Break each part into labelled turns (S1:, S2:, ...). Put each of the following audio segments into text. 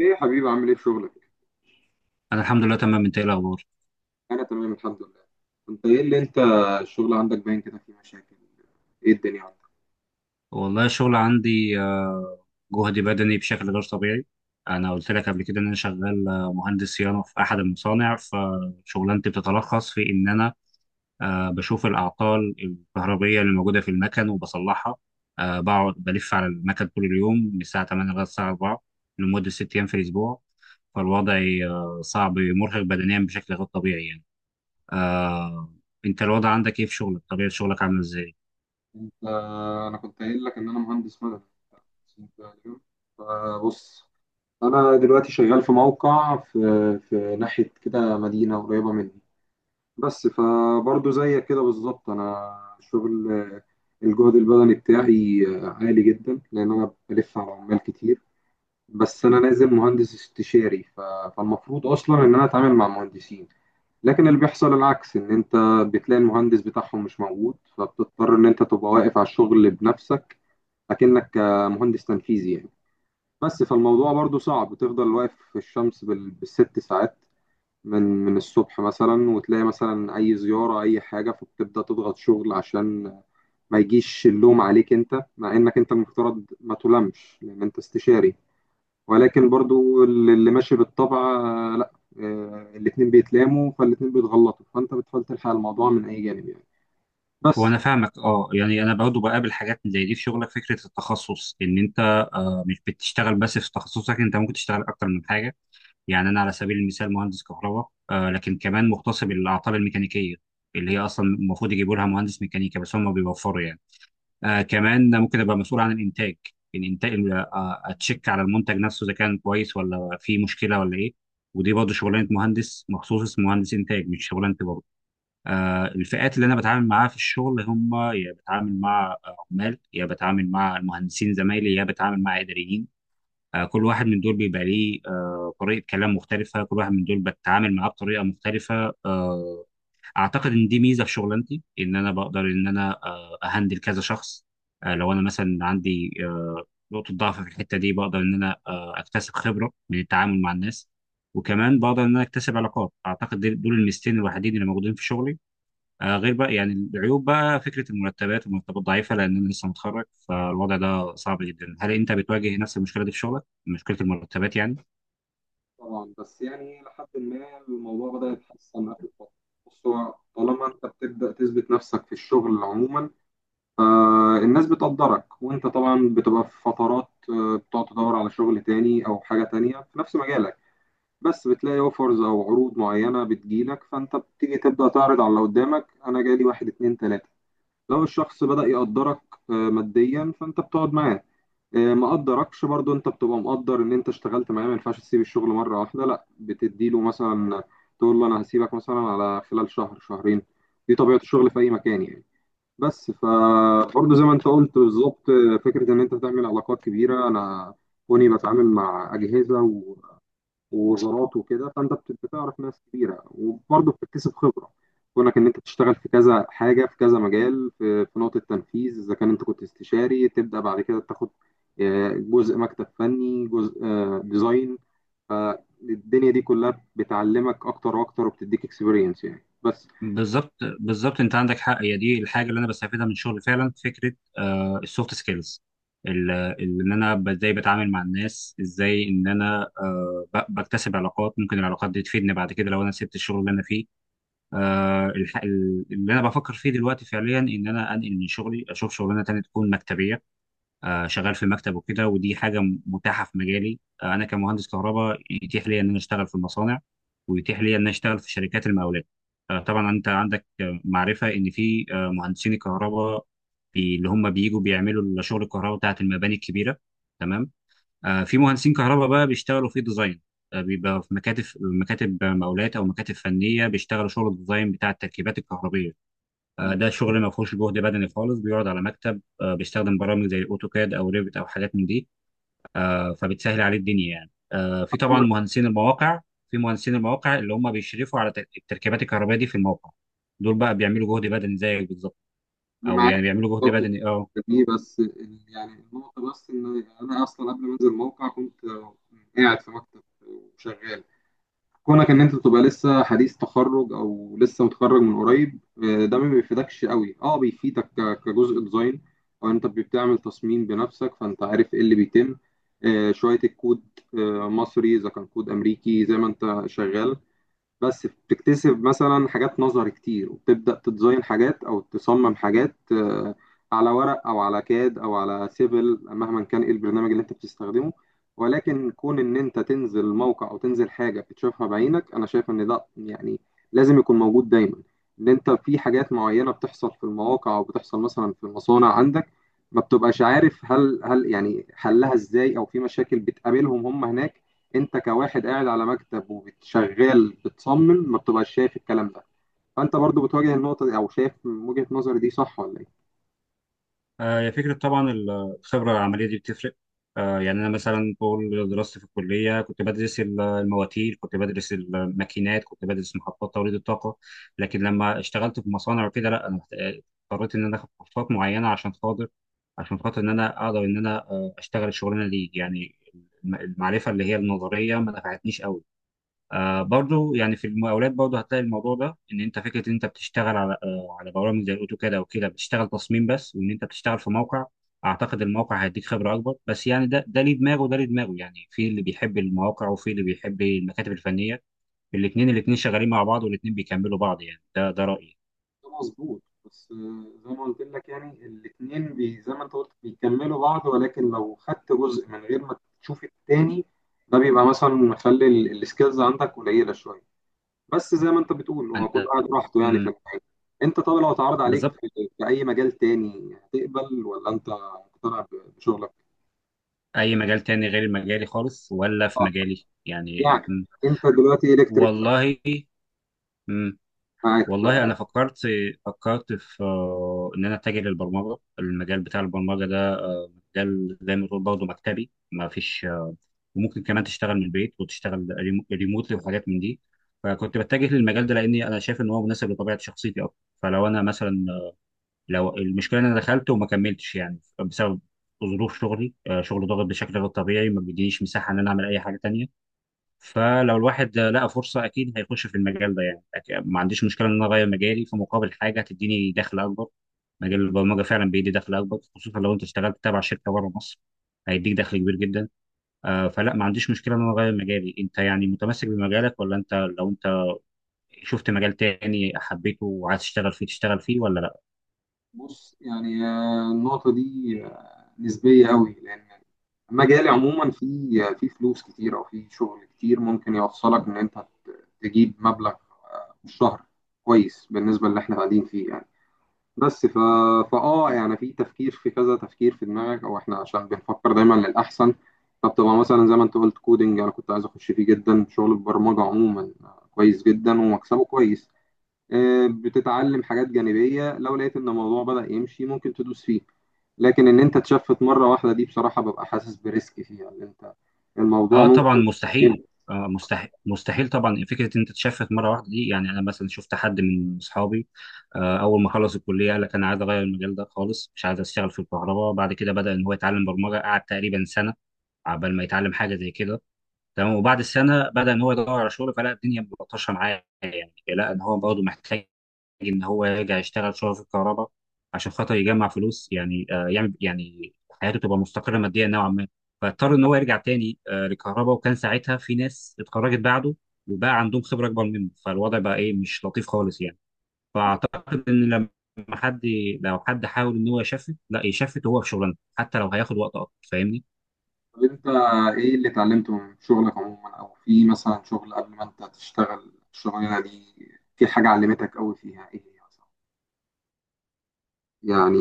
S1: ايه يا حبيبي، عامل ايه في شغلك؟
S2: انا الحمد لله تمام. انت ايه الاخبار؟
S1: انا تمام الحمد لله. انت ايه اللي انت الشغل عندك باين كده فيه مشاكل؟ ايه الدنيا عندك؟
S2: والله الشغل عندي، جهد بدني بشكل غير طبيعي. انا قلت لك قبل كده ان انا شغال مهندس صيانه في احد المصانع، فشغلانتي بتتلخص في ان انا بشوف الاعطال الكهربائيه اللي موجوده في المكن وبصلحها. بقعد بلف على المكن طول اليوم من الساعه 8 لغايه الساعه 4 لمده 6 ايام في الاسبوع، فالوضع صعب، مرهق بدنيا بشكل غير طبيعي يعني. آه، انت الوضع عندك ايه في شغلك؟ طبيعه شغلك عامله ازاي؟
S1: انت انا كنت قايل لك ان انا مهندس مدني، بس انت اليوم فبص. انا دلوقتي شغال في موقع في ناحية كده، مدينة قريبة مني. بس فبرضه زيك كده بالظبط، انا شغل الجهد البدني بتاعي عالي جدا لان انا بلف على عمال كتير. بس انا نازل مهندس استشاري فالمفروض اصلا ان انا اتعامل مع مهندسين، لكن اللي بيحصل العكس، ان انت بتلاقي المهندس بتاعهم مش موجود فبتضطر ان انت تبقى واقف على الشغل بنفسك، اكنك مهندس تنفيذي يعني. بس فالموضوع برضو صعب، بتفضل واقف في الشمس بال6 ساعات من الصبح مثلا، وتلاقي مثلا اي زيارة اي حاجة فبتبدأ تضغط شغل عشان ما يجيش اللوم عليك، انت مع انك انت المفترض ما تلامش لان انت استشاري، ولكن برضو اللي ماشي بالطبع. لا، الاتنين بيتلاموا، فالاتنين بيتغلطوا، فانت بتحاول تلحق الموضوع من اي جانب يعني
S2: هو
S1: بس.
S2: انا فاهمك، اه، يعني انا برضه بقابل حاجات زي دي في شغلك. فكره التخصص ان انت مش بتشتغل بس في تخصصك، انت ممكن تشتغل اكتر من حاجه. يعني انا على سبيل المثال مهندس كهرباء، لكن كمان مختص بالاعطال الميكانيكيه اللي هي اصلا المفروض يجيبوا لها مهندس ميكانيكا، بس هم بيوفروا يعني. كمان ممكن ابقى مسؤول عن الانتاج، الانتاج، اتشيك على المنتج نفسه اذا كان كويس ولا فيه مشكله ولا ايه. ودي برضه شغلانه مهندس مخصوص، اسمه مهندس انتاج، مش شغلانتي برضه. الفئات اللي انا بتعامل معاها في الشغل، هم يا بتعامل مع عمال، يا بتعامل مع المهندسين زمايلي، يا بتعامل مع اداريين. كل واحد من دول بيبقى ليه طريقه كلام مختلفه، كل واحد من دول بتعامل معاه بطريقه مختلفه. اعتقد ان دي ميزه في شغلانتي، ان انا بقدر ان انا اهندل كذا شخص. لو انا مثلا عندي نقطه ضعف في الحته دي، بقدر ان انا اكتسب خبره من التعامل مع الناس، وكمان بقدر ان انا اكتسب علاقات. اعتقد دول الميزتين الوحيدين اللي موجودين في شغلي. غير بقى يعني العيوب بقى، فكرة المرتبات ضعيفة لأن أنا لسه متخرج، فالوضع ده صعب جدا. هل أنت بتواجه نفس المشكلة دي في شغلك؟ مشكلة المرتبات يعني؟
S1: طبعا، بس يعني لحد ما الموضوع بدأ يتحسن اخر فترة. بص، هو طالما انت بتبدأ تثبت نفسك في الشغل عموما، الناس بتقدرك. وانت طبعا بتبقى في فترات، بتقعد تدور على شغل تاني او حاجة تانية في نفس مجالك، بس بتلاقي اوفرز او عروض معينة بتجيلك، فانت بتيجي تبدأ تعرض على اللي قدامك. انا جالي واحد اتنين تلاتة. لو الشخص بدأ يقدرك ماديا فانت بتقعد معاه. ما قدركش برضو، انت بتبقى مقدر ان انت اشتغلت معاه، ما ينفعش تسيب الشغل مرة واحدة، لا بتديله مثلا تقول له انا هسيبك مثلا على خلال شهر شهرين. دي طبيعة الشغل في اي مكان يعني. بس فبرضه زي ما انت قلت بالظبط، فكرة ان انت تعمل علاقات كبيرة. انا كوني بتعامل مع أجهزة ووزارات وكده، فانت بتعرف ناس كبيره وبرضه بتكتسب خبره، كونك ان انت تشتغل في كذا حاجه، في كذا مجال، في نقطه تنفيذ، اذا كان انت كنت استشاري تبدا بعد كده تاخد جزء مكتب فني، جزء ديزاين. فالدنيا دي كلها بتعلمك اكتر واكتر وبتديك اكسبيرينس يعني بس.
S2: بالظبط، بالظبط، أنت عندك حق. هي دي الحاجة اللي أنا بستفيدها من شغلي فعلا، فكرة السوفت سكيلز. إن أنا إزاي بتعامل مع الناس، إزاي إن أنا بكتسب علاقات، ممكن العلاقات دي تفيدني بعد كده لو أنا سبت الشغل اللي أنا فيه. آه الح- اللي أنا بفكر فيه دلوقتي فعليا إن أنا أنقل من شغلي، أشوف شغلانة تانية تكون مكتبية، شغال في المكتب وكده. ودي حاجه متاحه في مجالي. انا كمهندس كهرباء يتيح لي ان انا اشتغل في المصانع، ويتيح لي ان انا اشتغل في شركات المقاولات. طبعا انت عندك معرفه ان في مهندسين الكهرباء اللي هم بييجوا بيعملوا شغل الكهرباء بتاعت المباني الكبيره، تمام. في مهندسين كهرباء بقى بيشتغلوا في ديزاين، بيبقى في مكاتب مقاولات او مكاتب فنيه، بيشتغلوا شغل الديزاين بتاع التركيبات الكهربيه. ده شغل ما فيهوش جهد بدني خالص، بيقعد على مكتب، بيستخدم برامج زي الاوتوكاد او ريفت او حاجات من دي، فبتسهل عليه الدنيا يعني. في طبعا
S1: أنا
S2: مهندسين المواقع، في مهندسين المواقع اللي هم بيشرفوا على التركيبات الكهربائيه دي في الموقع، دول بقى بيعملوا جهد بدني زيك بالظبط، او
S1: معاك
S2: يعني بيعملوا جهد
S1: بالظبط.
S2: بدني، اه.
S1: دي بس يعني النقطة، بس إن أنا أصلا قبل ما أنزل الموقع كنت قاعد في مكتب وشغال. كونك ان انت تبقى لسه حديث تخرج او لسه متخرج من قريب، ده ما بيفيدكش قوي. اه بيفيدك كجزء ديزاين، او انت بتعمل تصميم بنفسك فانت عارف ايه اللي بيتم، شوية الكود مصري اذا كان كود امريكي زي ما انت شغال. بس بتكتسب مثلا حاجات نظر كتير وبتبدأ تديزاين حاجات أو تصمم حاجات، على ورق أو على كاد أو على سيفل مهما كان إيه البرنامج اللي أنت بتستخدمه. ولكن كون إن أنت تنزل موقع أو تنزل حاجة بتشوفها بعينك، أنا شايف إن ده يعني لازم يكون موجود دايما، إن أنت في حاجات معينة بتحصل في المواقع أو بتحصل مثلا في المصانع عندك ما بتبقاش عارف هل يعني حلها إزاي، أو في مشاكل بتقابلهم هم هناك انت كواحد قاعد على مكتب وبتشغال بتصمم ما بتبقاش شايف الكلام ده. فانت برضو بتواجه النقطة دي، او شايف من وجهة نظري دي صح ولا ايه؟
S2: هي فكرة طبعا الخبرة العملية دي بتفرق. يعني أنا مثلا طول دراستي في الكلية كنت بدرس المواتير، كنت بدرس الماكينات، كنت بدرس محطات توليد الطاقة. لكن لما اشتغلت في مصانع وكده، لا، أنا اضطريت إن أنا آخد كورسات معينة عشان خاطر إن أنا أقدر إن أنا أشتغل الشغلانة دي، يعني المعرفة اللي هي النظرية ما نفعتنيش قوي. برضو يعني في المقاولات برضو هتلاقي الموضوع ده، ان انت فكره ان انت بتشتغل على على برامج زي الاوتوكاد او كده، بتشتغل تصميم بس، وان انت بتشتغل في موقع. اعتقد الموقع هيديك خبره اكبر، بس يعني ده ليه دماغه وده ليه دماغه، يعني في اللي بيحب المواقع وفي اللي بيحب المكاتب الفنيه. الاثنين شغالين مع بعض، والاثنين بيكملوا بعض يعني. ده رايي
S1: ده مظبوط، بس زي ما قلت لك يعني الاثنين زي ما انت قلت بيكملوا بعض، ولكن لو خدت جزء من غير ما تشوف التاني ده بيبقى مثلا مخلي السكيلز عندك قليلة شوية. بس زي ما انت بتقول، هو كل
S2: انا.
S1: واحد راحته يعني في
S2: امم.
S1: الحاجة. انت طب لو اتعرض عليك
S2: بالظبط.
S1: في اي مجال تاني هتقبل ولا انت مقتنع بشغلك؟
S2: اي مجال تاني غير مجالي خالص، ولا في مجالي يعني؟
S1: يعني
S2: مم.
S1: انت دلوقتي الكتريك.
S2: والله. مم.
S1: معاك.
S2: والله انا فكرت في ان انا اتجه للبرمجه، المجال بتاع البرمجه ده. مجال زي ما تقول برضه مكتبي، ما فيش وممكن كمان تشتغل من البيت وتشتغل ريموتلي وحاجات من دي. فكنت بتجه للمجال ده لاني انا شايف ان هو مناسب لطبيعه شخصيتي اكتر. فلو انا مثلا آه، لو المشكله ان انا دخلت وما كملتش يعني بسبب ظروف شغلي، شغل ضاغط بشكل غير طبيعي، ما بيدينيش مساحه ان انا اعمل اي حاجه تانيه. فلو الواحد لقى فرصة أكيد هيخش في المجال ده يعني. ما عنديش مشكلة إن أنا أغير مجالي في مقابل حاجة هتديني دخل أكبر. مجال البرمجة فعلا بيدي دخل أكبر، خصوصا لو أنت اشتغلت تبع شركة بره مصر، هيديك دخل كبير جدا. فلا، ما عنديش مشكلة إن أنا أغير مجالي. أنت يعني متمسك بمجالك، ولا أنت لو أنت شفت مجال تاني حبيته وعايز تشتغل فيه تشتغل فيه، ولا؟
S1: فبص يعني النقطه دي نسبيه قوي، لان المجال عموما فيه فلوس كتير او فيه شغل كتير ممكن يوصلك ان انت تجيب مبلغ في الشهر كويس بالنسبه اللي احنا قاعدين فيه يعني. بس ف... فاه يعني في تفكير، في كذا تفكير في دماغك، او احنا عشان بنفكر دايما للاحسن، فبتبقى مثلا زي ما انت قلت كودنج. انا كنت عايز اخش فيه جدا، شغل البرمجه عموما كويس جدا ومكسبه كويس. بتتعلم حاجات جانبية لو لقيت ان الموضوع بدأ يمشي ممكن تدوس فيه. لكن ان انت تشفت مرة واحدة دي بصراحة ببقى حاسس بريسك فيها، ان انت الموضوع
S2: اه طبعا،
S1: ممكن
S2: مستحيل.
S1: يتأجل.
S2: مستحيل، مستحيل طبعا. فكره ان انت تشفت مره واحده دي، يعني انا مثلا شفت حد من اصحابي، اول ما خلص الكليه قال لك انا عايز اغير المجال ده خالص، مش عايز اشتغل في الكهرباء. بعد كده بدا ان هو يتعلم برمجه، قعد تقريبا سنه عبال ما يتعلم حاجه زي كده، تمام. وبعد السنه بدا ان هو يدور على شغل، فلقى الدنيا ملطشه معاه، لا، ان هو برضه محتاج ان هو يرجع يشتغل شغل في الكهرباء عشان خاطر يجمع فلوس، يعني يعمل يعني حياته تبقى مستقره ماديا نوعا ما. فاضطر ان هو يرجع تاني للكهرباء، وكان ساعتها في ناس اتخرجت بعده وبقى عندهم خبره اكبر منه، فالوضع بقى ايه، مش لطيف خالص يعني. فاعتقد ان لما حد لو حد حاول ان هو يشفت، لا يشفت وهو في شغلانته حتى لو هياخد وقت اكتر، فاهمني.
S1: طب انت ايه اللي اتعلمته من شغلك عموما، او في مثلا شغل قبل ما انت تشتغل الشغلانة دي في حاجة علمتك قوي فيها ايه هي مثلا يعني؟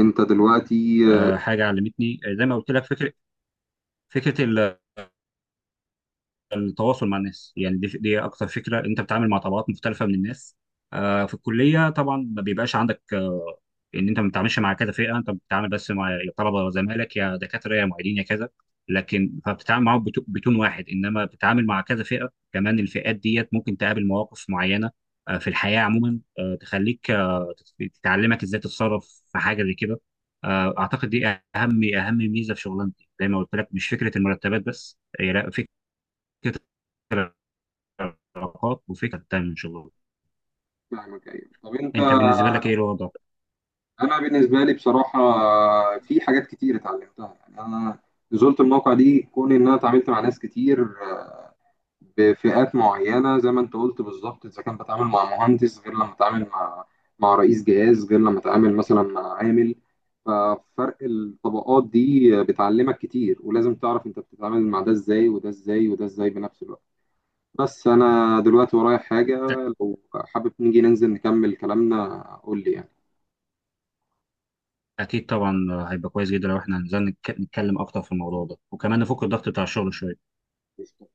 S1: انت دلوقتي آه،
S2: حاجه علمتني زي ما قلت لك فكره التواصل مع الناس، يعني دي اكتر فكره. انت بتتعامل مع طبقات مختلفه من الناس. في الكليه طبعا ما بيبقاش عندك ان انت ما بتتعاملش مع كذا فئه، انت بتتعامل بس مع يا طلبه زمايلك، يا دكاتره، يا معيدين، يا كذا، لكن فبتتعامل معاهم بتون واحد. انما بتتعامل مع كذا فئه كمان، الفئات ديت ممكن تقابل مواقف معينه في الحياه عموما تخليك تتعلمك ازاي تتصرف في حاجه زي كده. اعتقد دي اهم، اهم ميزه في شغلانتي، زي ما قلت لك، مش فكره المرتبات بس هي، لا، فكره علاقات وفكره تانية ان شاء الله.
S1: فاهمك. ايوه، طب انت.
S2: انت بالنسبه لك ايه الوضع؟
S1: انا بالنسبه لي بصراحه في حاجات كتير اتعلمتها، يعني انا نزلت الموقع دي كون ان انا اتعاملت مع ناس كتير بفئات معينه زي ما انت قلت بالظبط، اذا كان بتعامل مع مهندس غير لما اتعامل مع رئيس جهاز، غير لما اتعامل مثلا مع عامل، ففرق الطبقات دي بتعلمك كتير، ولازم تعرف انت بتتعامل مع ده ازاي وده ازاي وده ازاي بنفس الوقت. بس انا دلوقتي ورايا حاجه، لو حابب نيجي ننزل نكمل كلامنا قول لي
S2: اكيد طبعا. هيبقى كويس جدا لو احنا نزلنا نتكلم اكتر في الموضوع ده، وكمان نفك الضغط بتاع الشغل شويه.
S1: يعني.